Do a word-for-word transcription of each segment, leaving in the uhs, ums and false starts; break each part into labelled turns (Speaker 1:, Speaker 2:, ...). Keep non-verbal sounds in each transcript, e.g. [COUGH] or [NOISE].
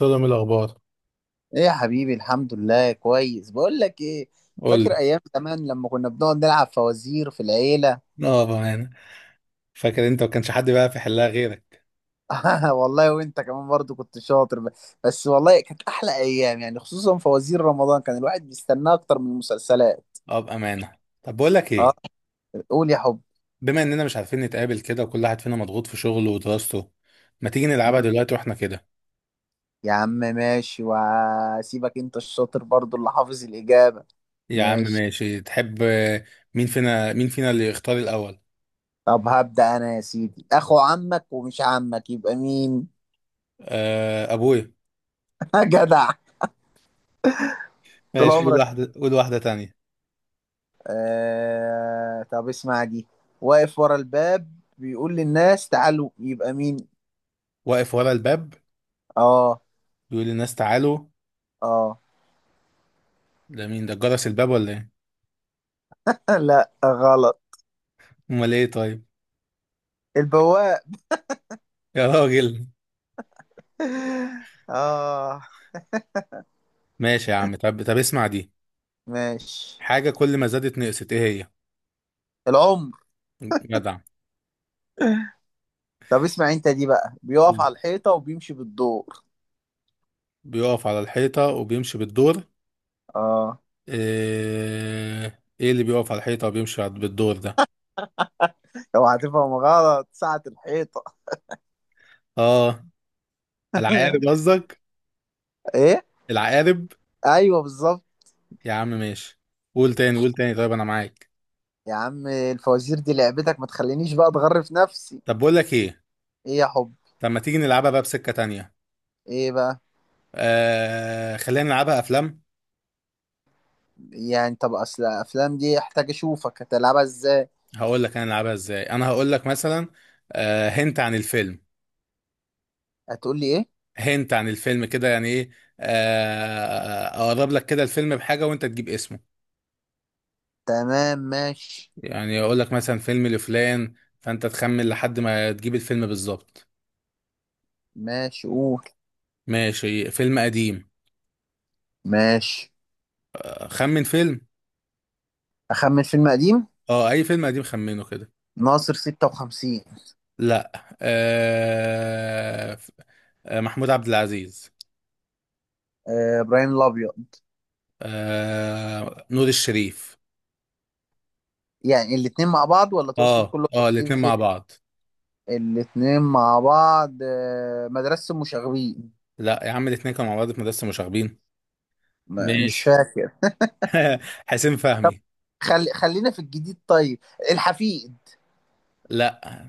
Speaker 1: سلام. الأخبار؟
Speaker 2: ايه يا حبيبي، الحمد لله كويس. بقول لك ايه،
Speaker 1: قول
Speaker 2: فاكر
Speaker 1: لي.
Speaker 2: ايام زمان لما كنا بنقعد نلعب فوازير في العيله؟
Speaker 1: اه، بامانه. فاكر انت ما كانش حد بقى في حلها غيرك.
Speaker 2: [LAUGHS] والله وانت كمان برضو كنت شاطر ب- بس والله كانت احلى ايام يعني، خصوصا فوازير رمضان كان الواحد بيستناه اكتر من المسلسلات.
Speaker 1: اه، بامانه. طب بقول لك
Speaker 2: اه،
Speaker 1: ايه.
Speaker 2: قول يا حب.
Speaker 1: بما اننا مش عارفين نتقابل كده وكل واحد فينا مضغوط في شغله ودراسته، ما تيجي
Speaker 2: مم.
Speaker 1: نلعبها دلوقتي واحنا كده؟
Speaker 2: يا عم ماشي، وهسيبك انت الشاطر برضو اللي حافظ الاجابه.
Speaker 1: يا عم
Speaker 2: ماشي.
Speaker 1: ماشي، تحب؟ آه، مين فينا مين فينا اللي يختار الاول؟
Speaker 2: طب هبدا انا يا سيدي، اخو عمك ومش عمك يبقى مين؟
Speaker 1: آه، ابويا.
Speaker 2: [LAUGHS] جدع. طول
Speaker 1: ماشي، قول
Speaker 2: عمرك.
Speaker 1: واحده قول واحده تانية.
Speaker 2: آه... طب اسمع دي، واقف ورا الباب بيقول للناس تعالوا، يبقى مين؟
Speaker 1: واقف ورا الباب،
Speaker 2: اه،
Speaker 1: بيقول للناس تعالوا.
Speaker 2: اه.
Speaker 1: ده مين؟ ده جرس الباب ولا ايه؟
Speaker 2: [LAUGHS] لا غلط.
Speaker 1: امال ايه طيب؟
Speaker 2: البواق.
Speaker 1: يا راجل.
Speaker 2: [LAUGHS] اه.
Speaker 1: ماشي يا عم. طب طب اسمع دي.
Speaker 2: ماشي.
Speaker 1: حاجه كل ما زادت نقصت، ايه هي؟
Speaker 2: العمر.
Speaker 1: جدع.
Speaker 2: طب اسمع انت دي بقى، بيقف على الحيطة وبيمشي بالدور.
Speaker 1: بيقف على الحيطة وبيمشي بالدور.
Speaker 2: اه.
Speaker 1: ايه, إيه اللي بيقف على الحيطة وبيمشي على- بالدور ده؟
Speaker 2: لو هتفهم غلط، ساعة الحيطة. [LAUGHS]
Speaker 1: اه. العقارب قصدك؟
Speaker 2: ايه؟
Speaker 1: العقارب.
Speaker 2: ايوه بالظبط.
Speaker 1: يا عم ماشي. قول تاني، قول تاني طيب، انا معاك.
Speaker 2: يا عم، الفوازير دي لعبتك، ما تخلينيش بقى اتغرف نفسي.
Speaker 1: طب بقول لك ايه.
Speaker 2: ايه يا حب؟
Speaker 1: طب ما تيجي نلعبها بقى بسكة تانية.
Speaker 2: ايه بقى؟
Speaker 1: آه خلينا نلعبها افلام.
Speaker 2: يعني طب اصل الافلام دي احتاج اشوفك هتلعبها ازاي.
Speaker 1: هقول لك انا نلعبها ازاي. انا هقول لك مثلا آه هنت عن الفيلم.
Speaker 2: هتقول لي ايه؟
Speaker 1: هنت عن الفيلم كده يعني ايه؟ آه اقرب لك كده الفيلم بحاجة وانت تجيب اسمه.
Speaker 2: تمام ماشي.
Speaker 1: يعني اقول لك مثلا فيلم لفلان، فانت تخمن لحد ما تجيب الفيلم بالظبط.
Speaker 2: ماشي قول.
Speaker 1: ماشي، فيلم قديم.
Speaker 2: ماشي،
Speaker 1: خمن فيلم.
Speaker 2: اخمن فيلم قديم.
Speaker 1: اه، اي فيلم قديم خمنه كده.
Speaker 2: ناصر ستة وخمسين.
Speaker 1: لا. آه... ف- آه، محمود عبد العزيز.
Speaker 2: آه، ابراهيم الابيض.
Speaker 1: آه... نور الشريف.
Speaker 2: يعني الاتنين مع بعض ولا تقصد
Speaker 1: اه،
Speaker 2: كل
Speaker 1: اه،
Speaker 2: واحد
Speaker 1: الاتنين
Speaker 2: في؟
Speaker 1: مع بعض.
Speaker 2: الاتنين مع بعض. آه، مدرسة المشاغبين.
Speaker 1: لا يا عم، الاتنين كانوا مع بعض في مدرسة مشاغبين.
Speaker 2: ما- مش
Speaker 1: ماشي.
Speaker 2: فاكر.
Speaker 1: [LAUGHS] حسين فهمي.
Speaker 2: خلي خلينا في الجديد طيب. الحفيد.
Speaker 1: لا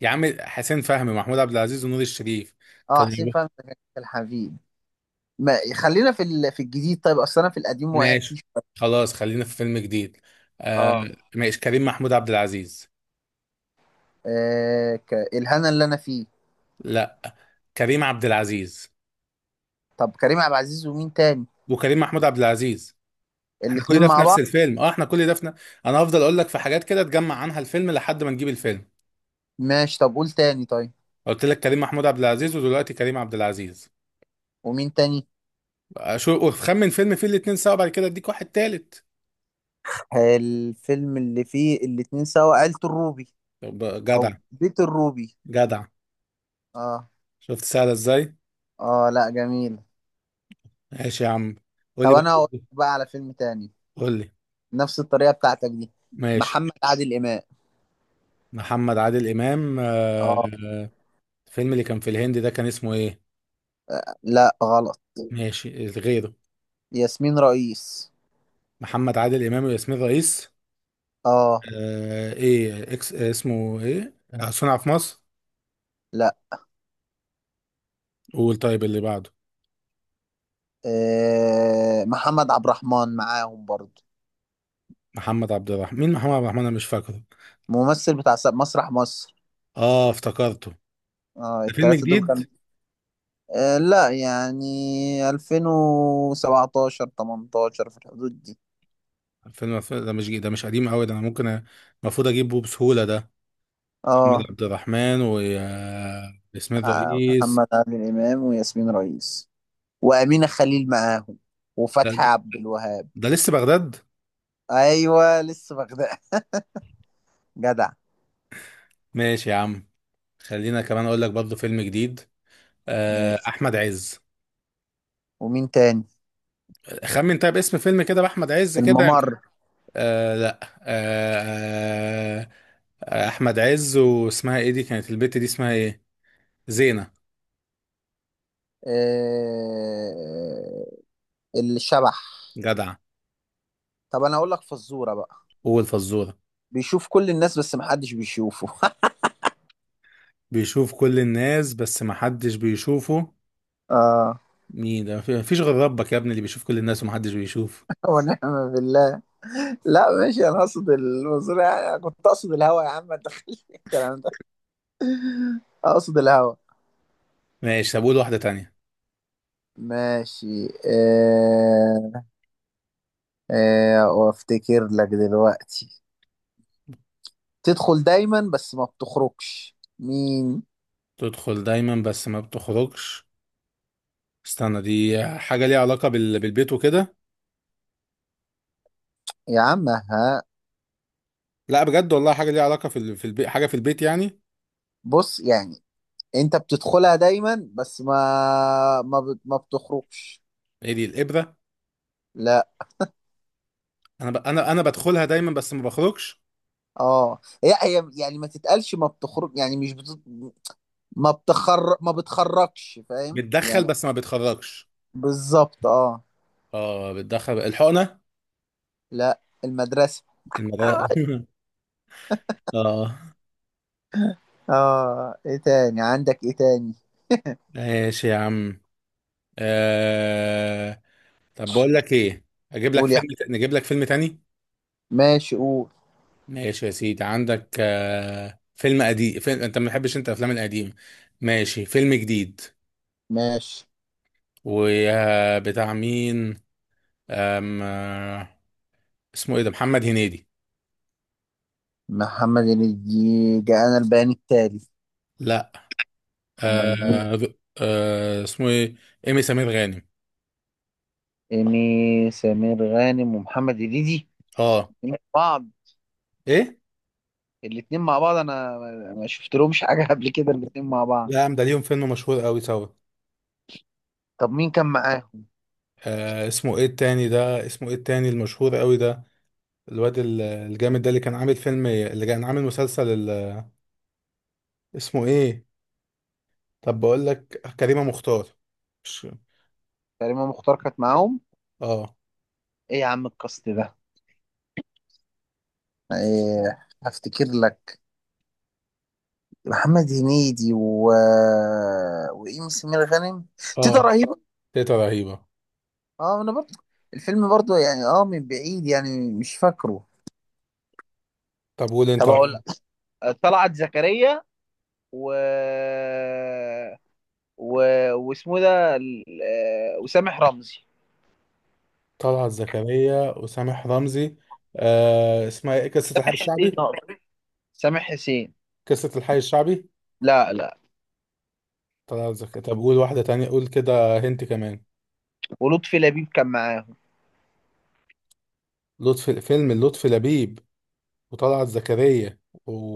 Speaker 1: يا عم، حسين فهمي محمود عبد العزيز ونور الشريف.
Speaker 2: اه
Speaker 1: كانوا.
Speaker 2: حسين فهمي كان في الحفيد. ما خلينا في ال... في الجديد طيب، اصل انا في القديم وقع فيه
Speaker 1: ماشي.
Speaker 2: شوية.
Speaker 1: خلاص خلينا في فيلم جديد. آه.
Speaker 2: اه.
Speaker 1: ماشي، كريم محمود عبد العزيز.
Speaker 2: آه... ك... الهنا اللي انا فيه.
Speaker 1: لا. كريم عبد العزيز
Speaker 2: طب كريم عبد العزيز ومين تاني؟
Speaker 1: وكريم محمود عبد العزيز. احنا كل
Speaker 2: الاتنين
Speaker 1: ده في
Speaker 2: مع
Speaker 1: نفس
Speaker 2: بعض.
Speaker 1: الفيلم. اه، احنا كل ده في ن... انا هفضل اقول لك في حاجات كده تجمع عنها الفيلم لحد ما نجيب الفيلم.
Speaker 2: ماشي. طب قول تاني طيب.
Speaker 1: قلت لك كريم محمود عبد العزيز ودلوقتي كريم عبد العزيز.
Speaker 2: ومين تاني؟
Speaker 1: آه، شو، خمن فيلم فيه الاتنين سوا، بعد كده اديك واحد تالت.
Speaker 2: آه، الفيلم اللي فيه الاتنين سوا عيلة الروبي.
Speaker 1: طب جدع.
Speaker 2: او بيت الروبي.
Speaker 1: جدع.
Speaker 2: اه.
Speaker 1: شفت سهلة ازاي؟
Speaker 2: اه، لا جميل.
Speaker 1: ماشي يا عم. قول
Speaker 2: طب
Speaker 1: لي
Speaker 2: انا هقول
Speaker 1: بقى.
Speaker 2: لك بقى على فيلم تاني،
Speaker 1: قول لي.
Speaker 2: نفس الطريقة بتاعتك دي.
Speaker 1: ماشي.
Speaker 2: محمد عادل امام.
Speaker 1: محمد عادل امام. آه،
Speaker 2: اه.
Speaker 1: الفيلم اللي كان في الهند ده كان اسمه ايه؟
Speaker 2: لا غلط.
Speaker 1: ماشي، غيره.
Speaker 2: ياسمين رئيس.
Speaker 1: محمد عادل امام وياسمين رئيس.
Speaker 2: اه.
Speaker 1: آه ايه اكس اسمه ايه؟ آه، صنع في مصر.
Speaker 2: لا.
Speaker 1: قول طيب اللي بعده.
Speaker 2: آه محمد عبد الرحمن معاهم برضو.
Speaker 1: محمد عبد الرحمن؟ مين محمد عبد الرحمن؟ انا مش فاكره.
Speaker 2: ممثل بتاع س- مسرح مصر.
Speaker 1: اه، افتكرته.
Speaker 2: اه
Speaker 1: ده فيلم
Speaker 2: التلاتة دول كانوا.
Speaker 1: جديد.
Speaker 2: آه، لا يعني ألفين وسبعتاشر ثمانية عشر في الحدود دي.
Speaker 1: فيلم ده مش جديد، ده مش قديم قوي ده. انا ممكن أ- المفروض اجيبه بسهولة ده. محمد
Speaker 2: اه.
Speaker 1: عبد الرحمن وياسمين
Speaker 2: آه،
Speaker 1: رئيس.
Speaker 2: محمد عادل امام وياسمين رئيس وامينه خليل معاهم
Speaker 1: ده,
Speaker 2: وفتحي عبد الوهاب.
Speaker 1: ده لسه بغداد.
Speaker 2: ايوه لسه بغداد. [LAUGHS] جدع.
Speaker 1: ماشي يا عم. خلينا كمان اقول لك برضه فيلم جديد. آه
Speaker 2: ماشي.
Speaker 1: احمد عز.
Speaker 2: ومين تاني؟
Speaker 1: خمن طيب اسم فيلم كده بأحمد عز كده.
Speaker 2: الممر.
Speaker 1: آه لا. آه آه أحمد عز، واسمها ايه دي؟ كانت البت دي اسمها ايه؟ زينة.
Speaker 2: آه الشبح.
Speaker 1: جدعة.
Speaker 2: طب انا اقول لك فزوره بقى،
Speaker 1: والفزورة؟
Speaker 2: بيشوف كل الناس بس محدش بيشوفه.
Speaker 1: بيشوف كل الناس بس محدش بيشوفه.
Speaker 2: [LAUGHS] اه.
Speaker 1: مين ده؟ مفي- مفيش غير ربك يا ابني اللي بيشوف كل الناس ومحدش بيشوف.
Speaker 2: ونعم بالله. لا ماشي، انا اقصد المنظور يعني، كنت اقصد الهوا يا عم، ما تدخلش في [LAUGHS] الكلام ده. اقصد الهوا.
Speaker 1: ماشي. طب قول واحدة تانية.
Speaker 2: ماشي. آه... آه... وافتكر لك دلوقتي، تدخل دايما بس ما بتخرجش، مين؟
Speaker 1: تدخل دايما بس ما بتخرجش. استنى، دي حاجة ليها علاقة بال... بالبيت وكده؟
Speaker 2: يا عم ها.
Speaker 1: لا بجد والله، حاجة ليها علاقة في ال... في البيت، حاجة في البيت يعني.
Speaker 2: بص يعني، انت بتدخلها دايما بس ما ما, بت... ما بتخرجش.
Speaker 1: ايه دي، الإبرة؟
Speaker 2: لا.
Speaker 1: انا ب... انا انا بدخلها دايما بس ما بخرجش.
Speaker 2: اه هي هي يعني ما تتقالش ما بتخرج يعني مش بت... ما بتخر ما بتخرجش، فاهم
Speaker 1: بتدخل
Speaker 2: يعني.
Speaker 1: بس ما بتخرجش.
Speaker 2: بالظبط اه.
Speaker 1: اه، بتدخل الحقنة.
Speaker 2: لا، المدرسة. اه.
Speaker 1: المدرسة. [LAUGHS] اه.
Speaker 2: آه، ايه تاني؟ عندك ايه تاني؟
Speaker 1: ماشي يا عم. آه... طب بقول لك ايه. اجيب لك
Speaker 2: قول يا
Speaker 1: فيلم
Speaker 2: أحمد.
Speaker 1: ت... نجيب لك فيلم تاني.
Speaker 2: ماشي قول.
Speaker 1: ماشي يا سيدي، عندك آه... فيلم قديم. فيلم... انت ما بتحبش انت الافلام القديمه. ماشي، فيلم جديد.
Speaker 2: ماشي.
Speaker 1: وبتاع مين؟ أم... آه، اسمه ايه ده؟ محمد هنيدي.
Speaker 2: محمد هنيدي جاءنا البيان التالي.
Speaker 1: لا.
Speaker 2: امال مين؟
Speaker 1: آه... آه... اسمه ايه؟ ايمي سمير غانم.
Speaker 2: إيمي سمير غانم ومحمد هنيدي.
Speaker 1: اه.
Speaker 2: الاتنين مع بعض.
Speaker 1: ايه.
Speaker 2: الاتنين مع بعض، انا ما ما شفت لهمش حاجة قبل كده الاتنين مع بعض.
Speaker 1: لا يا عم، ده ليهم فيلم مشهور قوي سوا.
Speaker 2: طب مين كان معاهم؟
Speaker 1: آه اسمه ايه التاني ده؟ اسمه ايه التاني المشهور قوي ده؟ الواد ال- الجامد ده، اللي كان عامل فيلم، اللي كان عامل مسلسل ال- اسمه ايه؟ طب بقول لك، كريمة مختار. مش.
Speaker 2: كريمة مختار كانت معاهم؟
Speaker 1: اه.
Speaker 2: ايه يا عم القصد ده. ايه هفتكر لك. محمد هنيدي و... وإيمي سمير غانم. تيتا
Speaker 1: اه،
Speaker 2: رهيب.
Speaker 1: تيتا رهيبة.
Speaker 2: اه انا برضه. الفيلم برضه يعني اه من بعيد يعني مش فاكره.
Speaker 1: طب قول انت.
Speaker 2: طب اقول لك. طلعت زكريا و و واسمه ده ال- آه، وسامح رمزي.
Speaker 1: طلعت زكريا وسامح رمزي. آه اسمها ايه، قصة الحي
Speaker 2: حسين
Speaker 1: الشعبي؟
Speaker 2: أقصد. سامح حسين.
Speaker 1: قصة الحي الشعبي.
Speaker 2: لا لا.
Speaker 1: طلعت زكريا. طب قول واحدة تانية، قول كده، هنت كمان.
Speaker 2: ولطفي لبيب كان معاهم.
Speaker 1: لطفي، فيلم لطفي لبيب وطلعت زكريا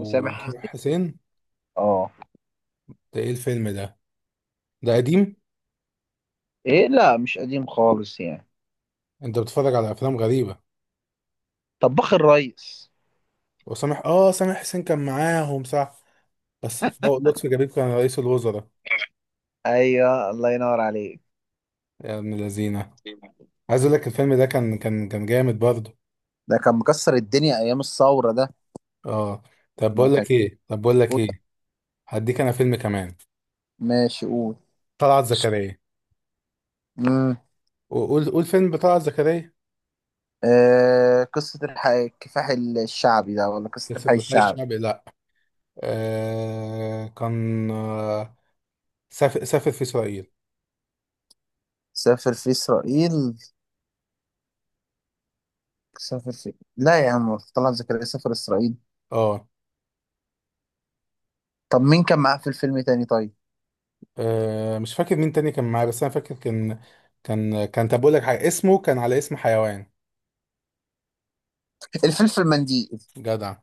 Speaker 2: وسامح حسين.
Speaker 1: حسين.
Speaker 2: اه.
Speaker 1: ده ايه الفيلم ده؟ ده قديم.
Speaker 2: ايه، لا مش قديم خالص يعني.
Speaker 1: انت بتتفرج على افلام غريبة.
Speaker 2: طباخ الريس.
Speaker 1: وسامح اه سامح حسين كان معاهم صح. بس اه لطفي جبيب كان رئيس الوزراء.
Speaker 2: ايوه الله ينور عليك.
Speaker 1: يا ابن الذين. عايز اقول لك الفيلم ده كان كان كان جامد برضه.
Speaker 2: ده كان مكسر الدنيا ايام الثوره ده.
Speaker 1: اه. طب
Speaker 2: ما
Speaker 1: بقول
Speaker 2: كان.
Speaker 1: لك ايه طب بقول لك ايه، هديك انا فيلم كمان.
Speaker 2: ماشي قول.
Speaker 1: طلعت زكريا.
Speaker 2: مم.
Speaker 1: وقول قول فيلم بطلعت زكريا.
Speaker 2: آه، قصة الحي... الكفاح الشعبي ده ولا قصة
Speaker 1: قصة
Speaker 2: الحي
Speaker 1: الحي
Speaker 2: الشعبي؟
Speaker 1: الشعبي، لا. آه كان. آه سافر سافر في اسرائيل.
Speaker 2: سافر في إسرائيل. سافر في، لا يا عم طلعت زكريا سافر إسرائيل.
Speaker 1: اه.
Speaker 2: طب مين كان معاه في الفيلم تاني طيب؟
Speaker 1: آه، مش فاكر مين تاني كان معايا، بس انا فاكر كان. كان كان طب بقول لك حاجه، اسمه كان على اسم حيوان.
Speaker 2: الفلفل منديل.
Speaker 1: جدع.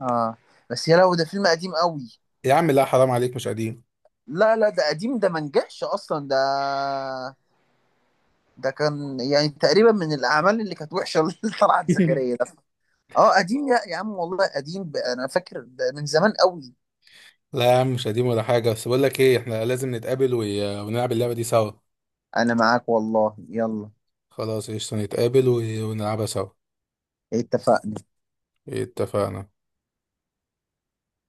Speaker 2: اه. بس يا لو ده فيلم قديم قوي.
Speaker 1: يا عم لا، حرام عليك، مش قديم.
Speaker 2: لا لا ده قديم، ده ما نجحش أصلا ده. ده كان يعني تقريبا من الأعمال اللي كانت وحشة، اللي [LAUGHS] طلعت
Speaker 1: [LAUGHS]
Speaker 2: زكريا ده. اه قديم يا يا عم والله قديم. ب- أنا فاكر ده من زمان قوي.
Speaker 1: لا يا عم، مش قديم ولا حاجه. بس بقول لك ايه، احنا لازم نتقابل و- ونلعب اللعبه دي سوا.
Speaker 2: أنا معاك والله يلا.
Speaker 1: خلاص قشطه، نتقابل و- ونلعبها سوا.
Speaker 2: اتفقنا.
Speaker 1: اتفقنا.